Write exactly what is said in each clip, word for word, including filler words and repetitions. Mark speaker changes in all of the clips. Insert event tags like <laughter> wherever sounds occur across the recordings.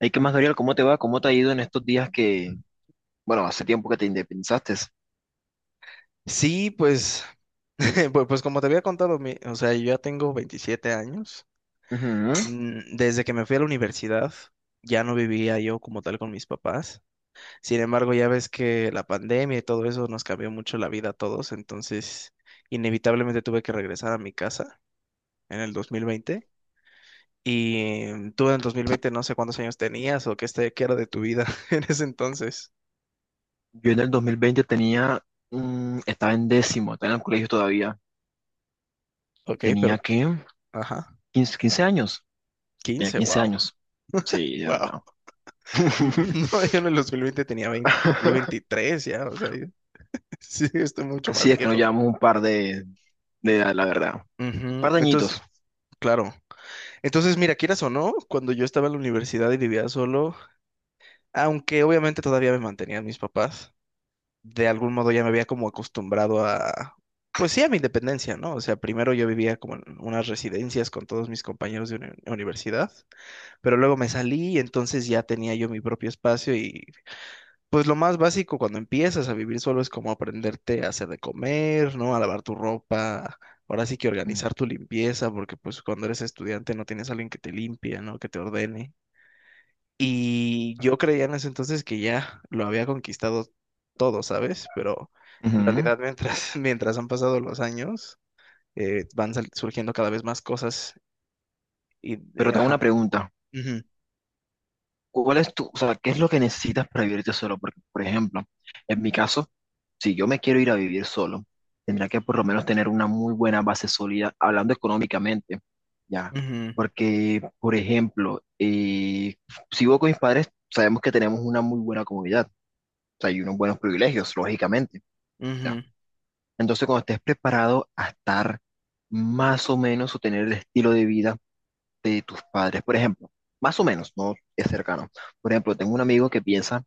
Speaker 1: Hey, ¿qué más, Gabriel? ¿Cómo te va? ¿Cómo te ha ido en estos días que, bueno, hace tiempo que te independizaste?
Speaker 2: Sí, pues, <laughs> pues, pues como te había contado, mi- o sea, yo ya tengo veintisiete años.
Speaker 1: Ujú.
Speaker 2: Mm, Desde que me fui a la universidad, ya no vivía yo como tal con mis papás. Sin embargo, ya ves que la pandemia y todo eso nos cambió mucho la vida a todos, entonces inevitablemente tuve que regresar a mi casa en el dos mil veinte. Y mm, tú en el dos mil veinte no sé cuántos años tenías o qué, este, qué era de tu vida <laughs> en ese entonces.
Speaker 1: Yo en el dos mil veinte tenía, mm, estaba en décimo, estaba en el colegio todavía.
Speaker 2: Ok,
Speaker 1: Tenía
Speaker 2: pero,
Speaker 1: que
Speaker 2: ajá,
Speaker 1: quince 15 años. Tenía
Speaker 2: quince,
Speaker 1: quince
Speaker 2: wow.
Speaker 1: años. Sí, ya
Speaker 2: Wow.
Speaker 1: no.
Speaker 2: Mm,
Speaker 1: <laughs>
Speaker 2: <laughs> No, yo en el dos mil veinte tenía veinte, cumplí veintitrés ya, o sea, yo- <laughs> sí, estoy mucho
Speaker 1: Sí,
Speaker 2: más
Speaker 1: es que nos
Speaker 2: viejo.
Speaker 1: llevamos un par de, de edad, la verdad. Un
Speaker 2: Ujú,
Speaker 1: par de
Speaker 2: entonces,
Speaker 1: añitos.
Speaker 2: claro. Entonces, mira, quieras o no, cuando yo estaba en la universidad y vivía solo, aunque obviamente todavía me mantenían mis papás, de algún modo ya me había como acostumbrado a, pues sí, a mi independencia, ¿no? O sea, primero yo vivía como en unas residencias con todos mis compañeros de uni- universidad, pero luego me salí y entonces ya tenía yo mi propio espacio y pues lo más básico cuando empiezas a vivir solo es como aprenderte a hacer de comer, ¿no? A lavar tu ropa. Ahora sí que
Speaker 1: Mm.
Speaker 2: organizar tu limpieza, porque pues cuando eres estudiante no tienes a alguien que te limpie, ¿no? Que te ordene. Y yo creía en ese entonces que ya lo había conquistado todo, ¿sabes? Pero en
Speaker 1: Ujú.
Speaker 2: realidad mientras, <laughs> mientras han pasado los años, eh, van sal- surgiendo cada vez más cosas y,
Speaker 1: Pero
Speaker 2: de-
Speaker 1: tengo una
Speaker 2: ajá.
Speaker 1: pregunta.
Speaker 2: Ujú,
Speaker 1: ¿Cuál es tu, o sea, qué es lo que necesitas para vivirte solo? Porque, por ejemplo, en mi caso, si yo me quiero ir a vivir solo, tendría que por lo menos tener una muy buena base sólida, hablando económicamente, ¿ya? Porque, por ejemplo, eh, si vivo con mis padres, sabemos que tenemos una muy buena comunidad, o sea, y unos buenos privilegios, lógicamente,
Speaker 2: ujú,
Speaker 1: ¿ya?
Speaker 2: ujú,
Speaker 1: Entonces, cuando estés preparado a estar más o menos o tener el estilo de vida de tus padres, por ejemplo, más o menos, no es cercano. Por ejemplo, tengo un amigo que piensa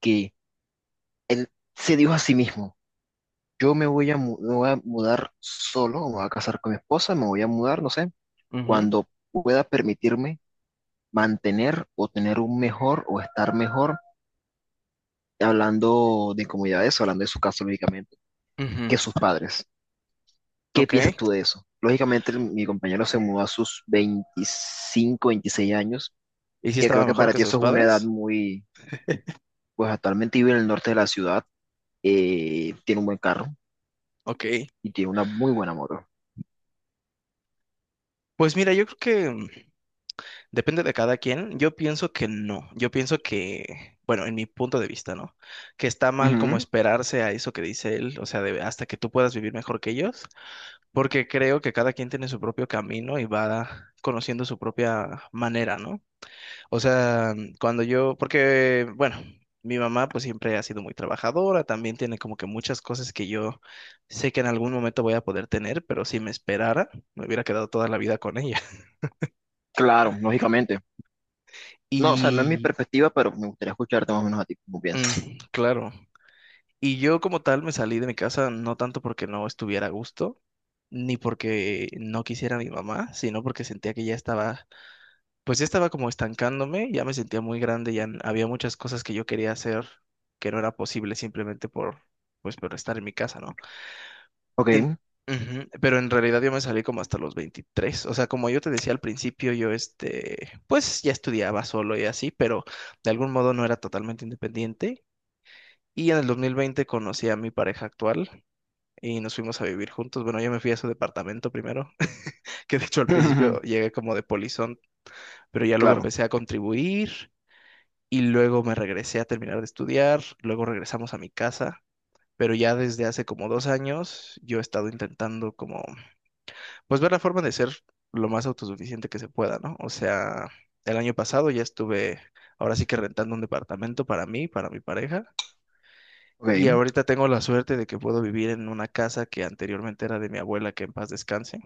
Speaker 1: que él se dijo a sí mismo. Yo me voy a, mu- me voy a mudar solo, me voy a casar con mi esposa, me voy a mudar, no sé,
Speaker 2: ujú,
Speaker 1: cuando pueda permitirme mantener o tener un mejor o estar mejor, hablando de comodidades, hablando de su caso, lógicamente, que
Speaker 2: ujú.
Speaker 1: sus padres. ¿Qué
Speaker 2: Ok.
Speaker 1: piensas tú de eso? Lógicamente, el- mi compañero se mudó a sus veinticinco, veintiséis años,
Speaker 2: ¿Y si
Speaker 1: que creo
Speaker 2: estaba
Speaker 1: que
Speaker 2: mejor
Speaker 1: para
Speaker 2: que
Speaker 1: ti eso
Speaker 2: sus
Speaker 1: es una edad
Speaker 2: padres?
Speaker 1: muy, pues actualmente vive en el norte de la ciudad, eh, tiene un buen carro
Speaker 2: Ok.
Speaker 1: y tiene una muy buena moto.
Speaker 2: Pues mira, yo creo que mm, depende de cada quien. Yo pienso que no. Yo pienso que, bueno, en mi punto de vista, ¿no? Que está mal como
Speaker 1: Ujú.
Speaker 2: esperarse a eso que dice él, o sea, de- hasta que tú puedas vivir mejor que ellos, porque creo que cada quien tiene su propio camino y va conociendo su propia manera, ¿no? O sea, mm, cuando yo, porque, bueno, mi mamá pues siempre ha sido muy trabajadora, también tiene como que muchas cosas que yo sé que en algún momento voy a poder tener, pero si me esperara, me hubiera quedado toda la vida con ella.
Speaker 1: Claro, lógicamente. No, o sea, no es mi
Speaker 2: Y
Speaker 1: perspectiva, pero me gustaría escucharte más o menos a ti, cómo piensas.
Speaker 2: mm, claro, y yo como tal me salí de mi casa no tanto porque no estuviera a gusto, ni porque no quisiera a mi mamá, sino porque sentía que ya estaba, pues ya estaba como estancándome, ya me sentía muy grande, ya n- había muchas cosas que yo quería hacer que no era posible simplemente por, pues por estar en mi casa, ¿no?
Speaker 1: Ok,
Speaker 2: En- Ujú. Pero en realidad yo me salí como hasta los veintitrés, o sea, como yo te decía al principio, yo este, pues ya estudiaba solo y así, pero de algún modo no era totalmente independiente. Y en el dos mil veinte conocí a mi pareja actual y nos fuimos a vivir juntos. Bueno, yo me fui a su departamento primero, <laughs> que de hecho al principio
Speaker 1: <laughs>
Speaker 2: llegué como de polizón, pero ya luego
Speaker 1: claro,
Speaker 2: empecé a contribuir y luego me regresé a terminar de estudiar, luego regresamos a mi casa. Pero ya desde hace como dos años yo he estado intentando como, pues ver la forma de ser lo más autosuficiente que se pueda, ¿no? O sea, el año pasado ya estuve, ahora sí que rentando un departamento para mí, para mi pareja. Y
Speaker 1: ok,
Speaker 2: ahorita tengo la suerte de que puedo vivir en una casa que anteriormente era de mi abuela, que en paz descanse.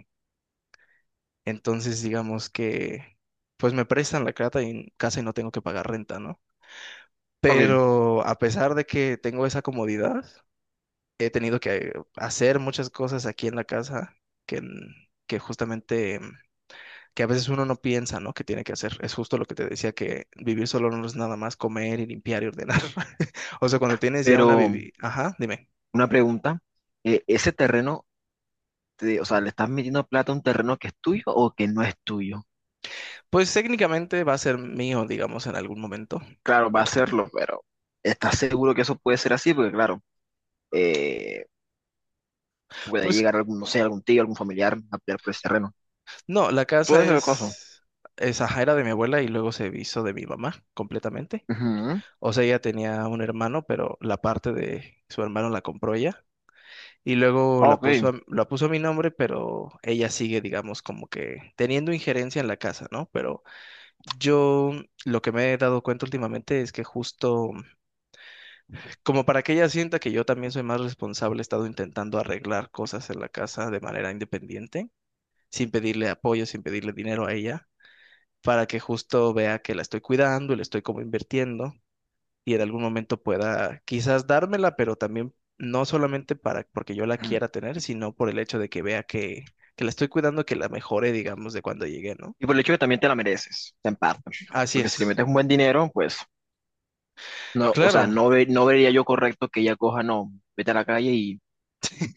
Speaker 2: Entonces, digamos que, pues me prestan la casa y, casa y no tengo que pagar renta, ¿no?
Speaker 1: ok.
Speaker 2: Pero a pesar de que tengo esa comodidad, he tenido que hacer muchas cosas aquí en la casa que, n- que justamente, mm, que a veces uno no piensa, ¿no? Que tiene que hacer. Es justo lo que te decía, que vivir solo no es nada más comer y limpiar y ordenar. <laughs> O sea, cuando tienes ya una
Speaker 1: Pero
Speaker 2: vivi... Ajá, dime.
Speaker 1: una pregunta, eh, ¿ese terreno, te- o sea, le estás metiendo plata a un terreno que es tuyo o que no es tuyo?
Speaker 2: Pues técnicamente va a ser mío, digamos, en algún momento.
Speaker 1: Claro, va a serlo, pero ¿estás seguro que eso puede ser así? Porque claro, eh, puede
Speaker 2: Pues
Speaker 1: llegar algún, no sé, algún tío, algún familiar a pelear por ese terreno.
Speaker 2: no, la casa
Speaker 1: Puede ser el caso.
Speaker 2: es, es ajá, era de mi abuela y luego se hizo de mi mamá completamente.
Speaker 1: Ujú.
Speaker 2: O sea, ella tenía un hermano, pero la parte de su hermano la compró ella y luego la puso
Speaker 1: Ok.
Speaker 2: a, la puso a mi nombre, pero ella sigue, digamos, como que teniendo injerencia en la casa, ¿no? Pero yo lo que me he dado cuenta últimamente es que justo como para que ella sienta que yo también soy más responsable, he estado intentando arreglar cosas en la casa de manera independiente, sin pedirle apoyo, sin pedirle dinero a ella, para que justo vea que la estoy cuidando y la estoy como invirtiendo y en algún momento pueda quizás dármela, pero también no solamente para porque yo la quiera tener, sino por el hecho de que vea que, que la estoy cuidando, que la mejore, digamos, de cuando llegué, ¿no?
Speaker 1: Y por el hecho que también te la mereces, en parte.
Speaker 2: Así
Speaker 1: Porque si le
Speaker 2: es.
Speaker 1: metes un buen dinero, pues... No, o sea,
Speaker 2: Claro,
Speaker 1: no, ve- no vería yo correcto que ella coja, no, vete a la calle y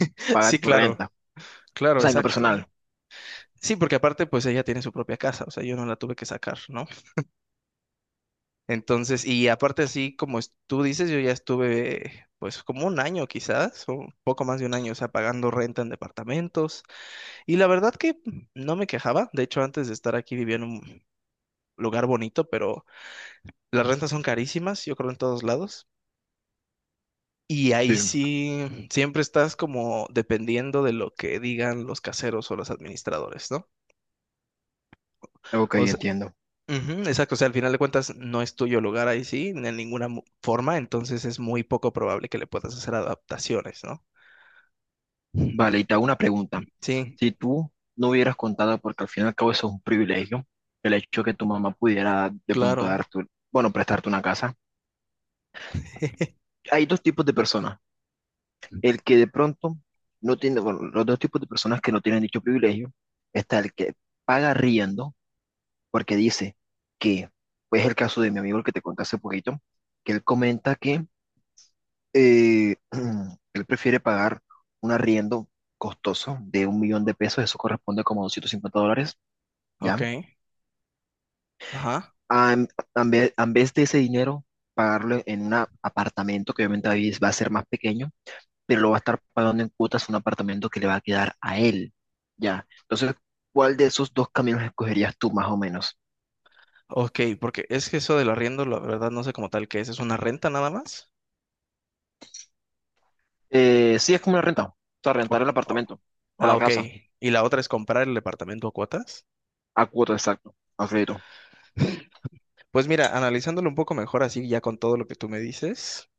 Speaker 2: <laughs>
Speaker 1: paga
Speaker 2: sí,
Speaker 1: tu
Speaker 2: claro,
Speaker 1: renta. O
Speaker 2: claro,
Speaker 1: sea, en lo
Speaker 2: exacto.
Speaker 1: personal.
Speaker 2: Sí, porque aparte, pues ella tiene su propia casa, o sea, yo no la tuve que sacar, ¿no? Entonces, y aparte así como es- tú dices, yo ya estuve pues como un año quizás, o un poco más de un año, o sea, pagando renta en departamentos. Y la verdad que no me quejaba. De hecho, antes de estar aquí vivía en un lugar bonito, pero las rentas son carísimas, yo creo en todos lados. Y ahí
Speaker 1: Sí.
Speaker 2: sí, siempre estás como dependiendo de lo que digan los caseros o los administradores, ¿no?
Speaker 1: Ok,
Speaker 2: O sea,
Speaker 1: entiendo.
Speaker 2: ujú, exacto, o sea, al final de cuentas no es tuyo el lugar ahí sí, de ninguna mu- forma, entonces es muy poco probable que le puedas hacer adaptaciones, ¿no?
Speaker 1: Vale, y te hago una pregunta.
Speaker 2: Sí,
Speaker 1: Si tú no hubieras contado, porque al fin y al cabo eso es un privilegio, el hecho que tu mamá pudiera de pronto
Speaker 2: claro.
Speaker 1: darte, bueno, prestarte una casa.
Speaker 2: <laughs>
Speaker 1: Hay dos tipos de personas. El que de pronto no tiene, bueno, los dos tipos de personas que no tienen dicho privilegio, está el que paga riendo porque dice que, pues el caso de mi amigo el que te conté hace poquito, que él comenta que eh, <clears throat> él prefiere pagar un arriendo costoso de un millón de pesos, eso corresponde como doscientos cincuenta dólares,
Speaker 2: Ok,
Speaker 1: ¿ya?
Speaker 2: ajá.
Speaker 1: A, en a en vez, a en vez de ese dinero, pagarlo en un apartamento que obviamente va a vi- va a ser más pequeño, pero lo va a estar pagando en cuotas un apartamento que le va a quedar a él, ¿ya? Entonces, ¿cuál de esos dos caminos escogerías tú más o menos?
Speaker 2: Ok, porque es que eso del arriendo, la verdad no sé como tal qué es, ¿es una renta nada más?
Speaker 1: Eh, sí, es como una renta. O sea, rentar
Speaker 2: O-
Speaker 1: el
Speaker 2: o-
Speaker 1: apartamento o
Speaker 2: ah,
Speaker 1: la
Speaker 2: ok.
Speaker 1: casa
Speaker 2: ¿Y la otra es comprar el departamento a cuotas?
Speaker 1: a cuota, exacto, a crédito.
Speaker 2: <laughs> Pues mira, analizándolo un poco mejor así ya con todo lo que tú me dices.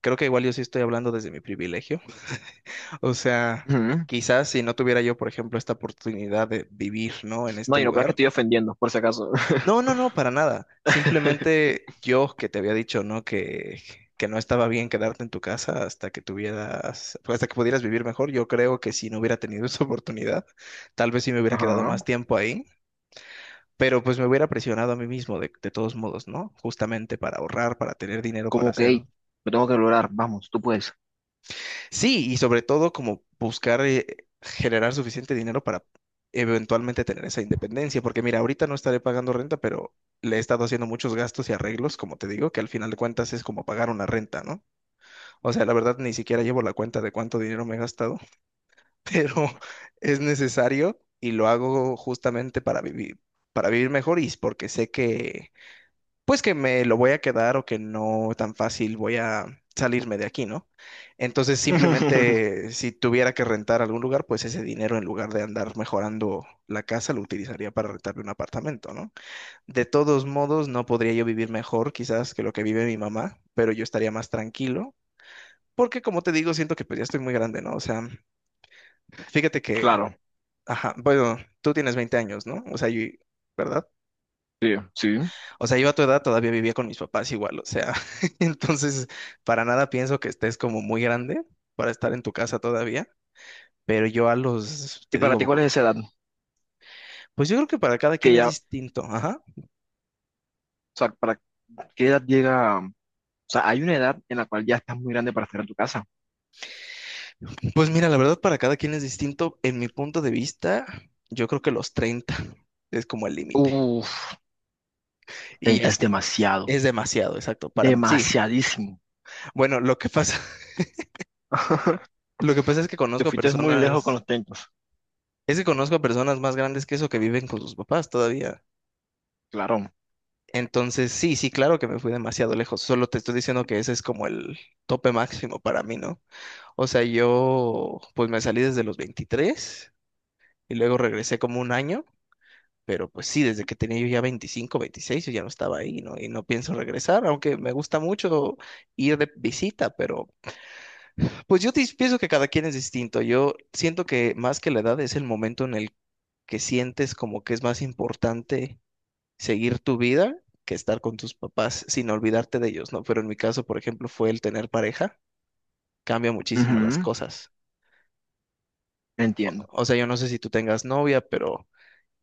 Speaker 2: Creo que igual yo sí estoy hablando desde mi privilegio. <laughs> O sea,
Speaker 1: Ujú.
Speaker 2: quizás si no tuviera yo, por ejemplo, esta oportunidad de vivir, ¿no? En
Speaker 1: No,
Speaker 2: este
Speaker 1: y no creas que
Speaker 2: lugar.
Speaker 1: estoy ofendiendo, por si acaso. <laughs>
Speaker 2: No, no, no, para nada. Simplemente yo que te había dicho, ¿no? Que, que no estaba bien quedarte en tu casa hasta que tuvieras, pues, hasta que pudieras vivir mejor. Yo creo que si no hubiera tenido esa oportunidad, tal vez sí me hubiera quedado
Speaker 1: Ajá.
Speaker 2: más tiempo ahí. Pero pues me hubiera presionado a mí mismo de, de todos modos, ¿no? Justamente para ahorrar, para tener dinero, para
Speaker 1: Como que,
Speaker 2: hacer.
Speaker 1: hey, lo tengo que lograr. Vamos, tú puedes.
Speaker 2: Sí, y sobre todo como buscar eh, generar suficiente dinero para eventualmente tener esa independencia, porque mira, ahorita no estaré pagando renta, pero le he estado haciendo muchos gastos y arreglos, como te digo, que al final de cuentas es como pagar una renta, ¿no? O sea, la verdad ni siquiera llevo la cuenta de cuánto dinero me he gastado, <laughs> pero es necesario y lo hago justamente para vivir, para vivir mejor y es porque sé que pues que me lo voy a quedar o que no tan fácil voy a salirme de aquí, ¿no? Entonces,
Speaker 1: <laughs>
Speaker 2: simplemente si tuviera que rentar algún lugar, pues ese dinero en lugar de andar mejorando la casa lo utilizaría para rentarme un apartamento, ¿no? De todos modos, no podría yo vivir mejor quizás que lo que vive mi mamá, pero yo estaría más tranquilo. Porque como te digo, siento que pues ya estoy muy grande, ¿no? O sea, fíjate que,
Speaker 1: Claro,
Speaker 2: ajá, bueno, tú tienes veinte años, ¿no? O sea, yo, ¿verdad?
Speaker 1: sí, sí.
Speaker 2: O sea, yo a tu edad todavía vivía con mis papás igual, o sea, <laughs> entonces para nada pienso que estés como muy grande para estar en tu casa todavía, pero yo a los,
Speaker 1: ¿Y
Speaker 2: te
Speaker 1: para
Speaker 2: digo,
Speaker 1: ti cuál es
Speaker 2: poco-
Speaker 1: esa edad?
Speaker 2: pues yo creo que para cada
Speaker 1: Que
Speaker 2: quien es
Speaker 1: ya, o
Speaker 2: distinto, ajá.
Speaker 1: sea, ¿para qué edad llega? O sea, hay una edad en la cual ya estás muy grande para estar en tu casa.
Speaker 2: Pues mira, la verdad para cada quien es distinto, en mi punto de vista, yo creo que los treinta es como el límite.
Speaker 1: Uf.
Speaker 2: Y ya
Speaker 1: Treinta es
Speaker 2: es,
Speaker 1: demasiado,
Speaker 2: es demasiado, exacto, para sí.
Speaker 1: demasiadísimo.
Speaker 2: Bueno, lo que pasa, <laughs>
Speaker 1: <laughs>
Speaker 2: lo que pasa es que
Speaker 1: Te
Speaker 2: conozco
Speaker 1: fuiste muy lejos con los
Speaker 2: personas,
Speaker 1: treinta.
Speaker 2: es que conozco a personas más grandes que eso que viven con sus papás todavía.
Speaker 1: Claro.
Speaker 2: Entonces, sí, sí, claro que me fui demasiado lejos. Solo te estoy diciendo que ese es como el tope máximo para mí, ¿no? O sea, yo pues me salí desde los veintitrés y luego regresé como un año, pero pues sí, desde que tenía yo ya veinticinco, veintiséis, yo ya no estaba ahí, ¿no? Y no pienso regresar, aunque me gusta mucho ir de visita, pero pues yo dis- pienso que cada quien es distinto. Yo siento que más que la edad es el momento en el que sientes como que es más importante seguir tu vida que estar con tus papás sin olvidarte de ellos, ¿no? Pero en mi caso, por ejemplo, fue el tener pareja, cambia muchísimo las
Speaker 1: Ujú.
Speaker 2: cosas.
Speaker 1: Entiendo.
Speaker 2: O sea, yo no sé si tú tengas novia, pero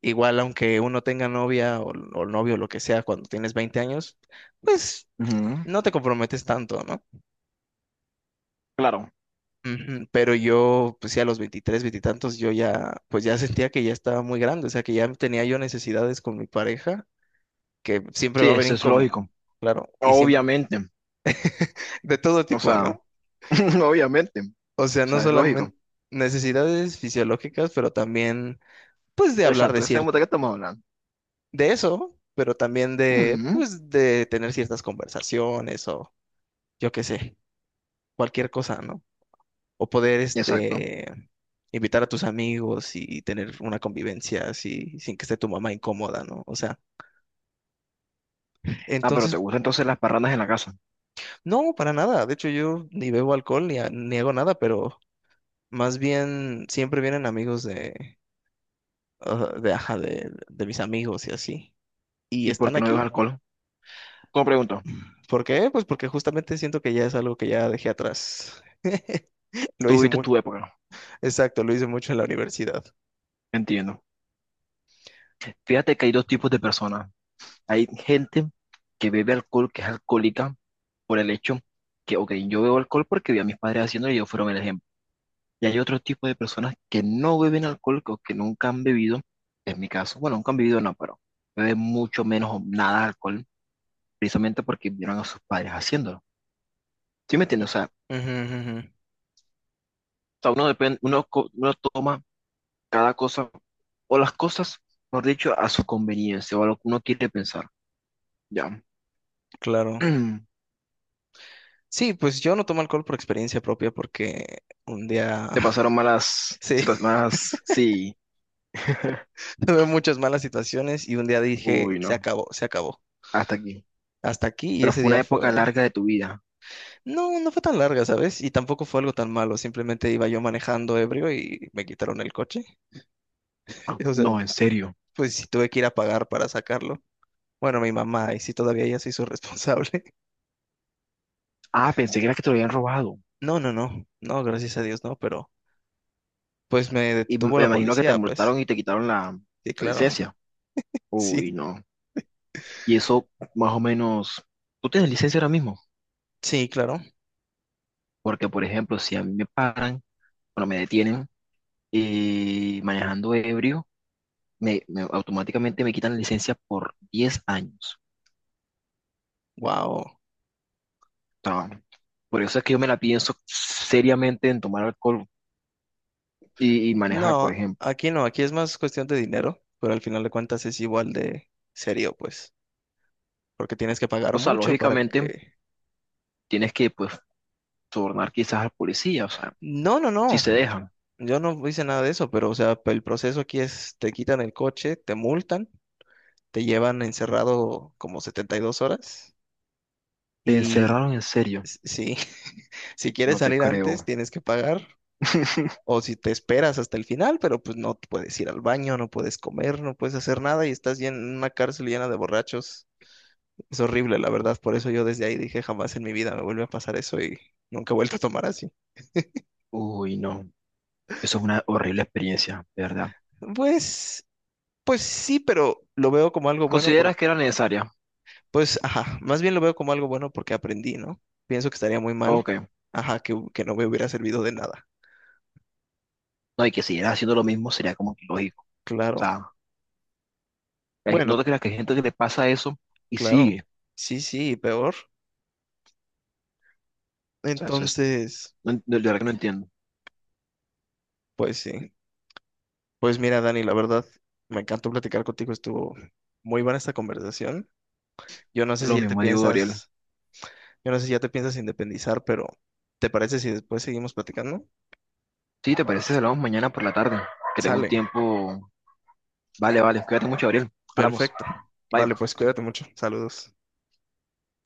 Speaker 2: igual aunque uno tenga novia o, o novio, lo que sea, cuando tienes veinte años, pues
Speaker 1: Ujú.
Speaker 2: no te comprometes tanto, ¿no?
Speaker 1: Claro,
Speaker 2: Ujú. Pero yo, pues sí, a los veintitrés, veinte tantos, yo ya, pues ya sentía que ya estaba muy grande, o sea, que ya tenía yo necesidades con mi pareja, que siempre
Speaker 1: sí,
Speaker 2: va a haber
Speaker 1: eso es
Speaker 2: incom...
Speaker 1: lógico.
Speaker 2: Claro, y siempre,
Speaker 1: Obviamente,
Speaker 2: de todo
Speaker 1: o
Speaker 2: tipo,
Speaker 1: sea,
Speaker 2: ¿no?
Speaker 1: <laughs> obviamente, o
Speaker 2: O sea, no
Speaker 1: sea, es lógico.
Speaker 2: solamente necesidades fisiológicas, pero también, pues, de hablar
Speaker 1: Exacto,
Speaker 2: de
Speaker 1: ya
Speaker 2: cierto,
Speaker 1: sabemos de qué estamos hablando.
Speaker 2: de eso, pero también de,
Speaker 1: Mm,
Speaker 2: pues, de tener ciertas conversaciones o yo qué sé, cualquier cosa, ¿no? O poder,
Speaker 1: exacto.
Speaker 2: este, invitar a tus amigos y tener una convivencia así, sin que esté tu mamá incómoda, ¿no? O sea,
Speaker 1: Ah, pero te
Speaker 2: entonces,
Speaker 1: gustan entonces las parrandas en la casa.
Speaker 2: no, para nada. De hecho, yo ni bebo alcohol ni, ha- ni hago nada, pero más bien siempre vienen amigos de, ah, de, ajá, de de mis amigos y así, y
Speaker 1: ¿Y por
Speaker 2: están
Speaker 1: qué no bebes
Speaker 2: aquí.
Speaker 1: alcohol? Como pregunto,
Speaker 2: ¿Por qué? Pues porque justamente siento que ya es algo que ya dejé atrás. <laughs> Lo
Speaker 1: tú
Speaker 2: hice
Speaker 1: viste
Speaker 2: muy,
Speaker 1: tu época.
Speaker 2: exacto, lo hice mucho en la universidad.
Speaker 1: Entiendo. Fíjate que hay dos tipos de personas. Hay gente que bebe alcohol, que es alcohólica, por el hecho que, ok, yo bebo alcohol porque vi a mis padres haciéndolo y ellos fueron el ejemplo. Y hay otro tipo de personas que no beben alcohol o que nunca han bebido, en mi caso, bueno, nunca han bebido, no, pero beben mucho menos o nada de alcohol, precisamente porque vieron a sus padres haciéndolo. ¿Sí me entiendes? O sea, o
Speaker 2: Ujú, ujú, ujú.
Speaker 1: sea, uno depende, uno, co- uno toma cada cosa, o las cosas, por dicho, a su conveniencia, o a lo que uno quiere pensar. Ya.
Speaker 2: Claro.
Speaker 1: <clears throat>
Speaker 2: Sí, pues yo no tomo alcohol por experiencia propia porque un día,
Speaker 1: Te pasaron
Speaker 2: <laughs>
Speaker 1: malas
Speaker 2: sí,
Speaker 1: situaciones, malas, sí. <laughs>
Speaker 2: <laughs> tuve muchas malas situaciones y un día
Speaker 1: Uy,
Speaker 2: dije, se
Speaker 1: no,
Speaker 2: acabó, se acabó.
Speaker 1: hasta aquí.
Speaker 2: Hasta aquí y
Speaker 1: Pero
Speaker 2: ese
Speaker 1: fue una
Speaker 2: día
Speaker 1: época
Speaker 2: fue...
Speaker 1: larga de tu vida.
Speaker 2: No, no fue tan larga, ¿sabes? Y tampoco fue algo tan malo, simplemente iba yo manejando ebrio y me quitaron el coche.
Speaker 1: Ah,
Speaker 2: <laughs> O sea,
Speaker 1: no, en serio.
Speaker 2: pues sí tuve que ir a pagar para sacarlo. Bueno, mi mamá, y sí todavía ella se hizo responsable. <laughs>
Speaker 1: Ah, pensé que era que te lo habían robado.
Speaker 2: No, no, no, no, gracias a Dios, no, pero pues me
Speaker 1: Y
Speaker 2: detuvo
Speaker 1: me
Speaker 2: la
Speaker 1: imagino que te
Speaker 2: policía, pues.
Speaker 1: multaron y te quitaron la,
Speaker 2: Sí,
Speaker 1: la
Speaker 2: claro. <laughs>
Speaker 1: licencia.
Speaker 2: Sí,
Speaker 1: Uy, no. Y eso más o menos, ¿tú tienes licencia ahora mismo?
Speaker 2: sí, claro.
Speaker 1: Porque, por ejemplo, si a mí me paran, bueno, me detienen y manejando ebrio, me, me- automáticamente me quitan la licencia por diez años.
Speaker 2: Wow.
Speaker 1: O sea, por eso es que yo me la pienso seriamente en tomar alcohol y, y manejar, por
Speaker 2: No,
Speaker 1: ejemplo.
Speaker 2: aquí no, aquí es más cuestión de dinero, pero al final de cuentas es igual de serio, pues, porque tienes que pagar
Speaker 1: O sea,
Speaker 2: mucho para
Speaker 1: lógicamente
Speaker 2: que...
Speaker 1: tienes que, pues, sobornar quizás al policía, o sea,
Speaker 2: No, no,
Speaker 1: si
Speaker 2: no.
Speaker 1: se dejan.
Speaker 2: Yo no hice nada de eso, pero o sea, el proceso aquí es, te quitan el coche, te multan, te llevan encerrado como setenta y dos horas
Speaker 1: Te
Speaker 2: y
Speaker 1: encerraron en serio,
Speaker 2: s- sí, <laughs> si quieres
Speaker 1: no te
Speaker 2: salir antes
Speaker 1: creo.
Speaker 2: tienes que pagar
Speaker 1: <laughs>
Speaker 2: o si te esperas hasta el final, pero pues no puedes ir al baño, no puedes comer, no puedes hacer nada y estás llen- en una cárcel llena de borrachos. Es horrible, la verdad, por eso yo desde ahí dije jamás en mi vida me vuelve a pasar eso y nunca he vuelto a tomar así.
Speaker 1: Uy, no. Eso es una horrible experiencia, de verdad.
Speaker 2: Pues, pues sí, pero lo veo como algo bueno.
Speaker 1: ¿Consideras que era necesaria?
Speaker 2: Pues, ajá, más bien lo veo como algo bueno porque aprendí, ¿no? Pienso que estaría muy mal,
Speaker 1: Ok.
Speaker 2: ajá, que, que no me hubiera servido de nada.
Speaker 1: No, y que siguieras haciendo lo mismo sería como que lógico. O
Speaker 2: Claro.
Speaker 1: sea, hay-
Speaker 2: Bueno,
Speaker 1: no te creas que hay gente que le pasa eso y
Speaker 2: claro.
Speaker 1: sigue.
Speaker 2: Sí, sí, peor.
Speaker 1: O sea, eso es.
Speaker 2: Entonces,
Speaker 1: No, en- de verdad que no entiendo.
Speaker 2: pues sí. Pues mira, Dani, la verdad, me encantó platicar contigo, estuvo muy buena esta conversación. Yo no sé si
Speaker 1: Lo
Speaker 2: ya te
Speaker 1: mismo digo, Gabriel.
Speaker 2: piensas, yo no sé si ya te piensas independizar, pero ¿te parece si después seguimos platicando?
Speaker 1: Sí, ¿te parece si hablamos mañana por la tarde? Que tengo un
Speaker 2: Sale.
Speaker 1: tiempo. Vale, vale. Cuídate mucho, Gabriel. Hablamos.
Speaker 2: Perfecto.
Speaker 1: Bye.
Speaker 2: Vale, pues cuídate mucho. Saludos.